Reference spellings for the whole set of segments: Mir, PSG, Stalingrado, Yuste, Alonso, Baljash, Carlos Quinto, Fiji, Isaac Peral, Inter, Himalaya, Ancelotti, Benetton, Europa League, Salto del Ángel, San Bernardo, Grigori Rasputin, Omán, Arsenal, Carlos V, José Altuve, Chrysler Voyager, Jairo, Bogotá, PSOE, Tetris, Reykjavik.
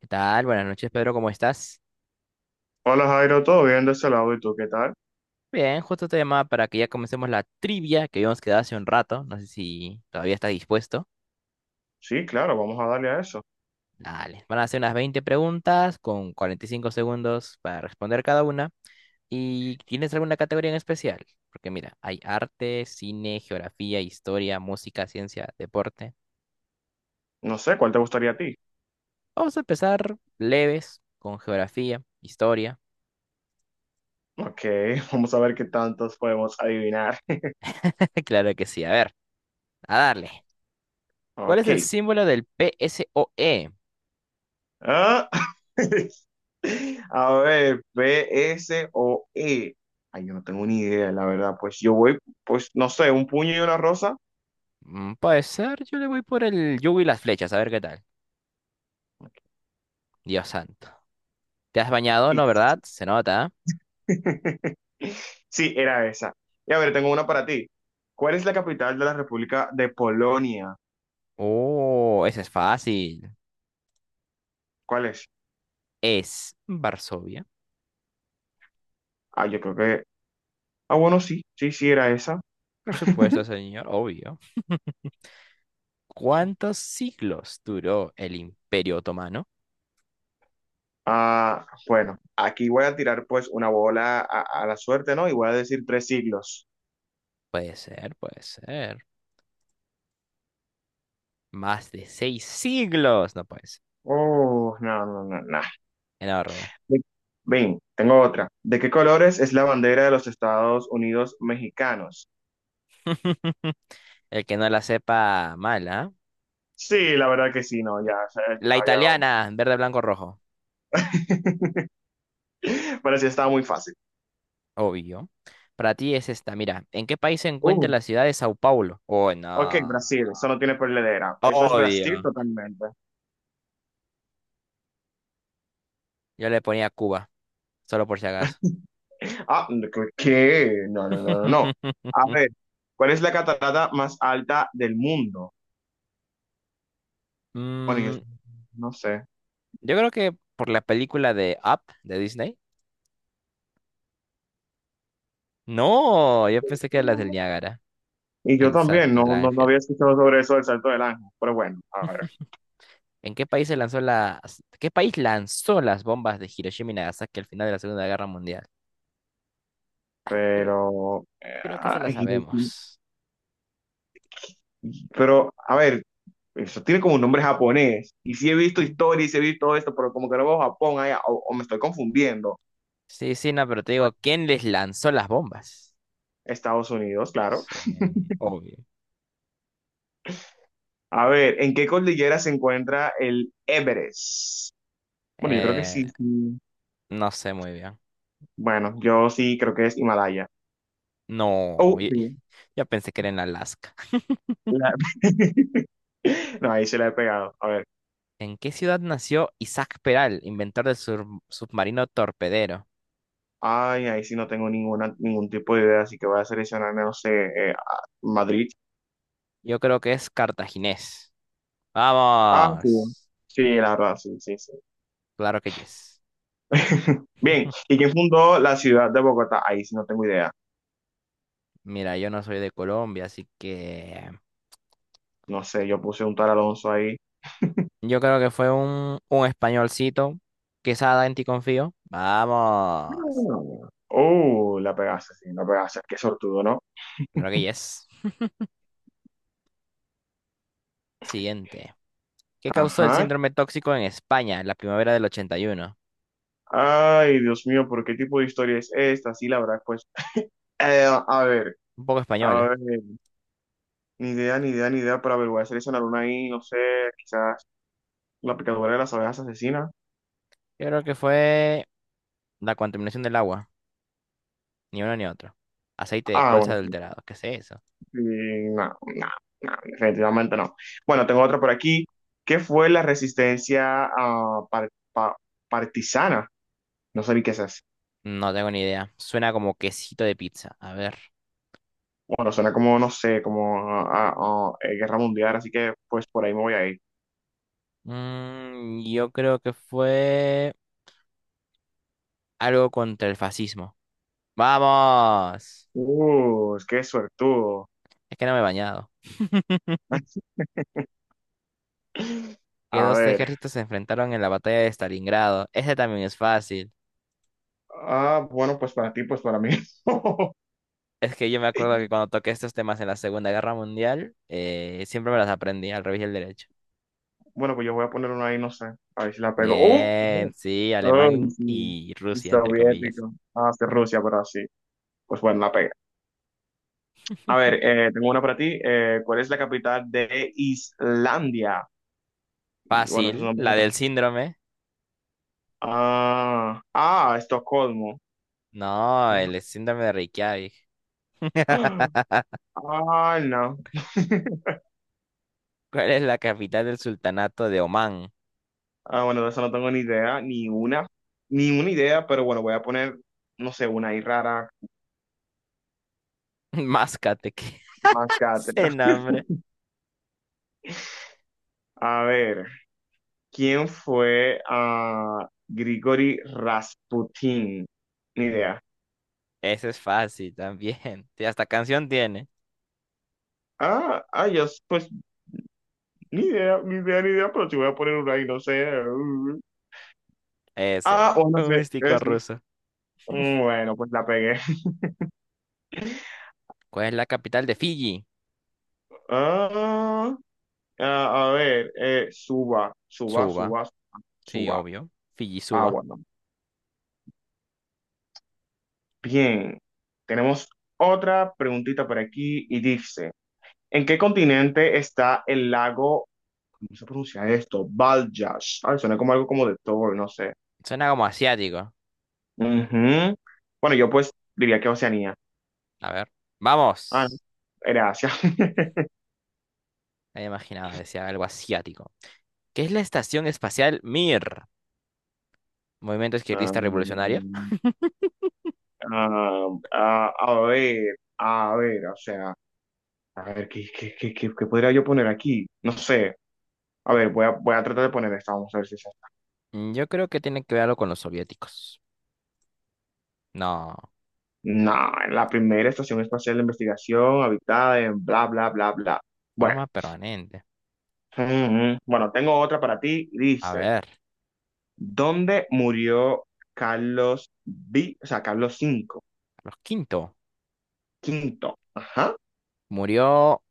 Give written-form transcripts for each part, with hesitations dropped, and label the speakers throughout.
Speaker 1: ¿Qué tal? Buenas noches, Pedro, ¿cómo estás?
Speaker 2: Hola Jairo, ¿todo bien de ese lado? ¿Y tú qué tal?
Speaker 1: Bien, justo te llamaba para que ya comencemos la trivia que habíamos quedado hace un rato. No sé si todavía estás dispuesto.
Speaker 2: Sí, claro, vamos a darle a eso.
Speaker 1: Dale, van a hacer unas 20 preguntas con 45 segundos para responder cada una. ¿Y tienes alguna categoría en especial? Porque mira, hay arte, cine, geografía, historia, música, ciencia, deporte.
Speaker 2: No sé, ¿cuál te gustaría a ti?
Speaker 1: Vamos a empezar leves con geografía, historia.
Speaker 2: Ok, vamos a ver qué tantos podemos adivinar.
Speaker 1: Claro que sí, a ver, a darle. ¿Cuál es
Speaker 2: Ok.
Speaker 1: el símbolo del PSOE?
Speaker 2: Ah, a ver, P, S o E. Ay, yo no tengo ni idea, la verdad. Pues yo voy, pues no sé, un puño y una rosa.
Speaker 1: Mm, puede ser, yo le voy por el yugo y las flechas, a ver qué tal. Dios santo. ¿Te has bañado?
Speaker 2: Y...
Speaker 1: No, ¿verdad? Se nota.
Speaker 2: sí, era esa. Y a ver, tengo una para ti. ¿Cuál es la capital de la República de Polonia?
Speaker 1: Oh, ese es fácil.
Speaker 2: ¿Cuál es?
Speaker 1: Es Varsovia.
Speaker 2: Ah, yo creo que... ah, bueno, sí, sí, sí, era esa.
Speaker 1: Por supuesto, señor, obvio. ¿Cuántos siglos duró el Imperio Otomano?
Speaker 2: Ah, bueno, aquí voy a tirar pues una bola a la suerte, ¿no? Y voy a decir 3 siglos.
Speaker 1: Puede ser, puede ser. Más de 6 siglos. No puede ser.
Speaker 2: Oh, no, no, no, no.
Speaker 1: Enorme.
Speaker 2: De- Ven, tengo otra. ¿De qué colores es la bandera de los Estados Unidos mexicanos?
Speaker 1: El que no la sepa, mala.
Speaker 2: Sí, la verdad que sí, no, ya, ya,
Speaker 1: La
Speaker 2: ya,
Speaker 1: italiana, verde, blanco, rojo.
Speaker 2: ya. Pero sí, estaba muy fácil.
Speaker 1: Obvio. Para ti es esta, mira, ¿en qué país se
Speaker 2: Uh,
Speaker 1: encuentra la ciudad de Sao Paulo? Oh,
Speaker 2: ok,
Speaker 1: no.
Speaker 2: Brasil, eso no tiene perdedera. Eso es Brasil
Speaker 1: Obvio.
Speaker 2: totalmente.
Speaker 1: Yo le ponía Cuba, solo por si acaso.
Speaker 2: Ah, ¿qué? No, no, no, no, no. A ver, ¿cuál es la catarata más alta del mundo? Bueno, yo
Speaker 1: Mm,
Speaker 2: no sé.
Speaker 1: yo creo que por la película de Up de Disney. No, yo pensé que era la del Niágara,
Speaker 2: Y yo
Speaker 1: el
Speaker 2: también,
Speaker 1: salto del
Speaker 2: no, no, no
Speaker 1: ángel.
Speaker 2: había escuchado sobre eso del Salto del Ángel, pero bueno, a ver,
Speaker 1: ¿En qué país se lanzó las, qué país lanzó las bombas de Hiroshima y Nagasaki al final de la Segunda Guerra Mundial? Creo,
Speaker 2: pero,
Speaker 1: creo que se la
Speaker 2: ay,
Speaker 1: sabemos.
Speaker 2: pero, a ver, eso tiene como un nombre japonés, y sí he visto historia y sí he visto todo esto, pero como que no veo Japón allá, o me estoy confundiendo.
Speaker 1: Sí, sí, no, pero te digo,
Speaker 2: Bueno,
Speaker 1: ¿quién les lanzó las bombas?
Speaker 2: Estados Unidos, claro.
Speaker 1: Sí, obvio.
Speaker 2: A ver, ¿en qué cordillera se encuentra el Everest? Bueno, yo creo que
Speaker 1: Eh,
Speaker 2: sí, sí.
Speaker 1: no sé muy bien.
Speaker 2: Bueno, yo sí creo que es Himalaya.
Speaker 1: No,
Speaker 2: Oh, sí.
Speaker 1: ya pensé que era en Alaska.
Speaker 2: La- No, ahí se la he pegado. A ver.
Speaker 1: ¿En qué ciudad nació Isaac Peral, inventor del submarino torpedero?
Speaker 2: Ay, ahí sí no tengo ninguna, ningún tipo de idea, así que voy a seleccionar, no sé, Madrid.
Speaker 1: Yo creo que es cartaginés.
Speaker 2: Ah, sí.
Speaker 1: ¡Vamos!
Speaker 2: Sí, la verdad, sí, sí, sí.
Speaker 1: Claro que yes.
Speaker 2: Bien, ¿y quién fundó la ciudad de Bogotá? Ahí sí no tengo idea.
Speaker 1: Mira, yo no soy de Colombia, así que
Speaker 2: No sé, yo puse un tal Alonso ahí.
Speaker 1: yo creo que fue un españolcito. Quesada, en ti confío. ¡Vamos!
Speaker 2: No. Oh, la pegaste, sí, la pegaste. Qué sortudo, ¿no?
Speaker 1: Claro que yes. Siguiente. ¿Qué causó el
Speaker 2: Ajá.
Speaker 1: síndrome tóxico en España en la primavera del 81?
Speaker 2: Ay, Dios mío, ¿por qué tipo de historia es esta? Sí, la verdad, pues... a ver,
Speaker 1: Un poco
Speaker 2: a
Speaker 1: española.
Speaker 2: ver. Ni idea, ni idea, ni idea, pero a ver, voy a seleccionar una ahí, no sé, quizás la picadura de las abejas asesinas.
Speaker 1: Yo creo que fue la contaminación del agua, ni uno ni otro. Aceite de
Speaker 2: Ah,
Speaker 1: colza
Speaker 2: bueno, sí,
Speaker 1: adulterado, ¿qué es eso?
Speaker 2: sí, no, no, no, definitivamente no. Bueno, tengo otra por aquí. ¿Qué fue la resistencia partisana? No sé ni qué es eso.
Speaker 1: No tengo ni idea. Suena como quesito de pizza. A ver.
Speaker 2: Bueno, suena como, no sé, como a guerra mundial, así que pues por ahí me voy a ir.
Speaker 1: Mm, yo creo que fue algo contra el fascismo. ¡Vamos!
Speaker 2: Qué suertudo.
Speaker 1: Es que no me he bañado. ¿Qué
Speaker 2: A
Speaker 1: dos
Speaker 2: ver.
Speaker 1: ejércitos se enfrentaron en la batalla de Stalingrado? Ese también es fácil.
Speaker 2: Ah, bueno, pues para ti, pues para mí.
Speaker 1: Es que yo me acuerdo que cuando toqué estos temas en la Segunda Guerra Mundial, siempre me las aprendí al revés y al derecho.
Speaker 2: Bueno, pues yo voy a poner una ahí, no sé, a ver si la pego. ¡Uh!
Speaker 1: Bien, sí,
Speaker 2: ¡Oh! ¡Ay,
Speaker 1: alemán
Speaker 2: sí!
Speaker 1: y
Speaker 2: Y
Speaker 1: Rusia, entre comillas.
Speaker 2: soviético. Ah, sí, Rusia, pero sí. Pues bueno, la pega. A ver, tengo una para ti. ¿Cuál es la capital de Islandia? Y bueno, esos
Speaker 1: Fácil,
Speaker 2: son
Speaker 1: la
Speaker 2: están...
Speaker 1: del síndrome.
Speaker 2: ah, ah, Estocolmo.
Speaker 1: No,
Speaker 2: ¿No?
Speaker 1: el síndrome de Reykjavik.
Speaker 2: Ah, no.
Speaker 1: ¿Cuál es la capital del sultanato de Omán?
Speaker 2: Ah, bueno, de eso no tengo ni idea, ni una, ni una idea, pero bueno, voy a poner, no sé, una ahí rara,
Speaker 1: Máscate, que
Speaker 2: más cátedra.
Speaker 1: ese nombre.
Speaker 2: A ver, ¿quién fue a Grigori Rasputin? Ni idea.
Speaker 1: Ese es fácil también. Y hasta canción tiene.
Speaker 2: Ah, ah, yo, pues... ni idea, ni idea, ni idea, pero si voy a poner una ahí, no sé. Mm. Ah,
Speaker 1: Ese,
Speaker 2: o no
Speaker 1: un
Speaker 2: sé,
Speaker 1: místico
Speaker 2: sí.
Speaker 1: ruso.
Speaker 2: Mm, bueno, pues la pegué.
Speaker 1: ¿Cuál es la capital de Fiji?
Speaker 2: Ah, ah, a ver, suba, suba,
Speaker 1: Suba,
Speaker 2: suba,
Speaker 1: sí,
Speaker 2: suba.
Speaker 1: obvio. Fiji
Speaker 2: Ah, bueno. Bien. Tenemos otra preguntita por aquí y dice, ¿en qué continente está el lago, ¿cómo se pronuncia esto? Baljash. Ay, suena como algo como de Thor, no sé.
Speaker 1: suena como asiático.
Speaker 2: Ujú. Bueno, yo pues diría que Oceanía.
Speaker 1: A ver.
Speaker 2: Ah, no,
Speaker 1: Vamos.
Speaker 2: era Asia.
Speaker 1: Ya me imaginaba, decía algo asiático. ¿Qué es la estación espacial Mir? Movimiento
Speaker 2: Ah,
Speaker 1: izquierdista revolucionario.
Speaker 2: ah, ah, a ver, o sea, a ver, qué podría yo poner aquí? No sé. A ver, voy a tratar de poner esta, vamos a ver si es esta.
Speaker 1: Mm, yo creo que tiene que ver algo con los soviéticos. No,
Speaker 2: No, la primera estación espacial de investigación habitada en bla, bla, bla, bla. Bueno,
Speaker 1: forma permanente.
Speaker 2: mm, bueno, tengo otra para ti.
Speaker 1: A
Speaker 2: Dice,
Speaker 1: ver,
Speaker 2: ¿dónde murió Carlos V? O sea, Carlos cinco,
Speaker 1: Carlos quinto
Speaker 2: quinto. Ajá.
Speaker 1: murió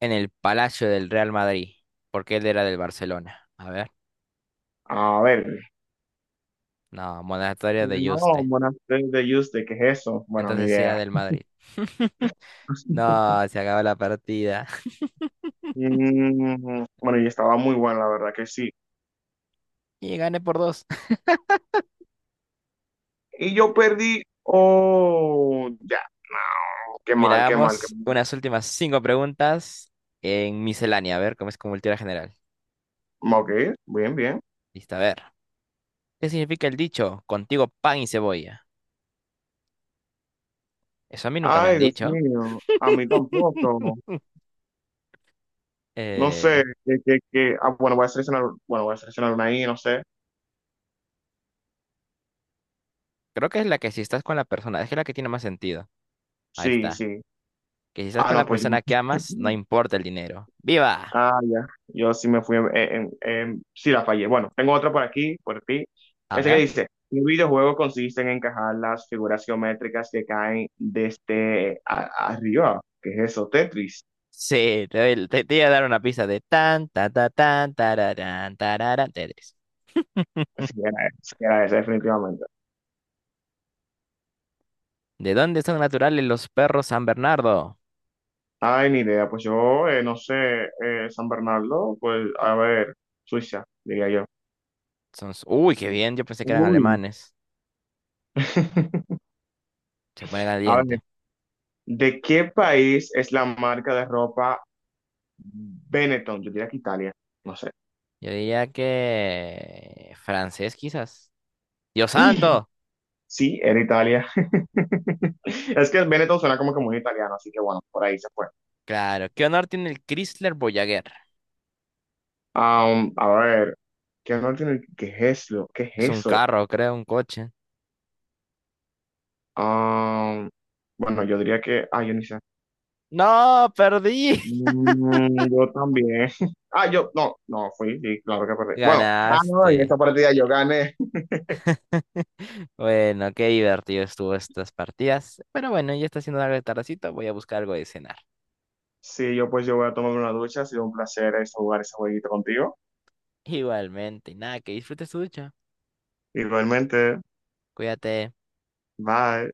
Speaker 1: en el Palacio del Real Madrid, porque él era del Barcelona. A ver,
Speaker 2: A ver.
Speaker 1: no, monasterio de
Speaker 2: No,
Speaker 1: Yuste.
Speaker 2: buenas tardes de Yuste, ¿qué es eso? Bueno, ni
Speaker 1: Entonces sí era
Speaker 2: idea.
Speaker 1: del Madrid. No, se acabó la partida.
Speaker 2: Mm, bueno, y estaba muy buena, la verdad que sí.
Speaker 1: Y gané por dos.
Speaker 2: Y yo perdí. Oh, ya. Qué mal, qué mal, qué
Speaker 1: Miramos unas últimas 5 preguntas en miscelánea, a ver cómo es con cultura general.
Speaker 2: mal. Ok, bien, bien.
Speaker 1: Listo, a ver. ¿Qué significa el dicho? Contigo pan y cebolla. Eso a mí nunca me han
Speaker 2: Ay, Dios
Speaker 1: dicho.
Speaker 2: mío. A mí tampoco. No sé.
Speaker 1: Eh,
Speaker 2: Ah, bueno, voy a seleccionar. Bueno, voy a seleccionar una ahí, no sé.
Speaker 1: creo que es la que si estás con la persona, es que es la que tiene más sentido. Ahí
Speaker 2: Sí,
Speaker 1: está.
Speaker 2: sí.
Speaker 1: Que si estás
Speaker 2: Ah,
Speaker 1: con
Speaker 2: no,
Speaker 1: la
Speaker 2: pues yo.
Speaker 1: persona que amas, no importa el dinero. ¡Viva!
Speaker 2: Ah, ya. Yo sí me fui sí la fallé. Bueno, tengo otra por aquí, por ti.
Speaker 1: A
Speaker 2: Ese que
Speaker 1: ver.
Speaker 2: dice, un videojuego consiste en encajar las figuras geométricas que caen desde arriba. ¿Qué es eso? Tetris.
Speaker 1: Sí, te iba a dar una pista de tan, ta, ta, tan, tararán, tararán, Tetris.
Speaker 2: Sí era ese, definitivamente.
Speaker 1: ¿De dónde son naturales los perros San Bernardo?
Speaker 2: Ay, ni idea. Pues yo, no sé, San Bernardo, pues a ver, Suiza, diría yo.
Speaker 1: Son, uy, qué bien, yo pensé que eran
Speaker 2: Uy.
Speaker 1: alemanes. Se pone
Speaker 2: A ver,
Speaker 1: caliente.
Speaker 2: ¿de qué país es la marca de ropa Benetton? Yo diría que Italia, no sé.
Speaker 1: Yo diría que francés quizás. Dios santo.
Speaker 2: Sí, era Italia. Es que Benetton suena como que muy italiano, así que bueno, por ahí se fue.
Speaker 1: Claro, ¿qué honor tiene el Chrysler Voyager?
Speaker 2: A ver, ¿qué no tiene? ¿Qué es eso? ¿Qué es
Speaker 1: Es un
Speaker 2: eso?
Speaker 1: carro, creo, un coche.
Speaker 2: Am, bueno, yo diría que, ah, yo ni sé.
Speaker 1: No, perdí.
Speaker 2: Mm, yo también. Ah, yo, no, no, fui, sí, claro que perdí. Bueno, ah, no, en esta
Speaker 1: Ganaste.
Speaker 2: partida yo gané.
Speaker 1: Bueno, qué divertido estuvo estas partidas. Pero bueno, ya está haciendo algo de tardecito. Voy a buscar algo de cenar.
Speaker 2: Sí, yo pues yo voy a tomar una ducha, ha sido un placer jugar ese jueguito contigo.
Speaker 1: Igualmente, y nada, que disfrutes tu ducha.
Speaker 2: Igualmente,
Speaker 1: Cuídate.
Speaker 2: bye.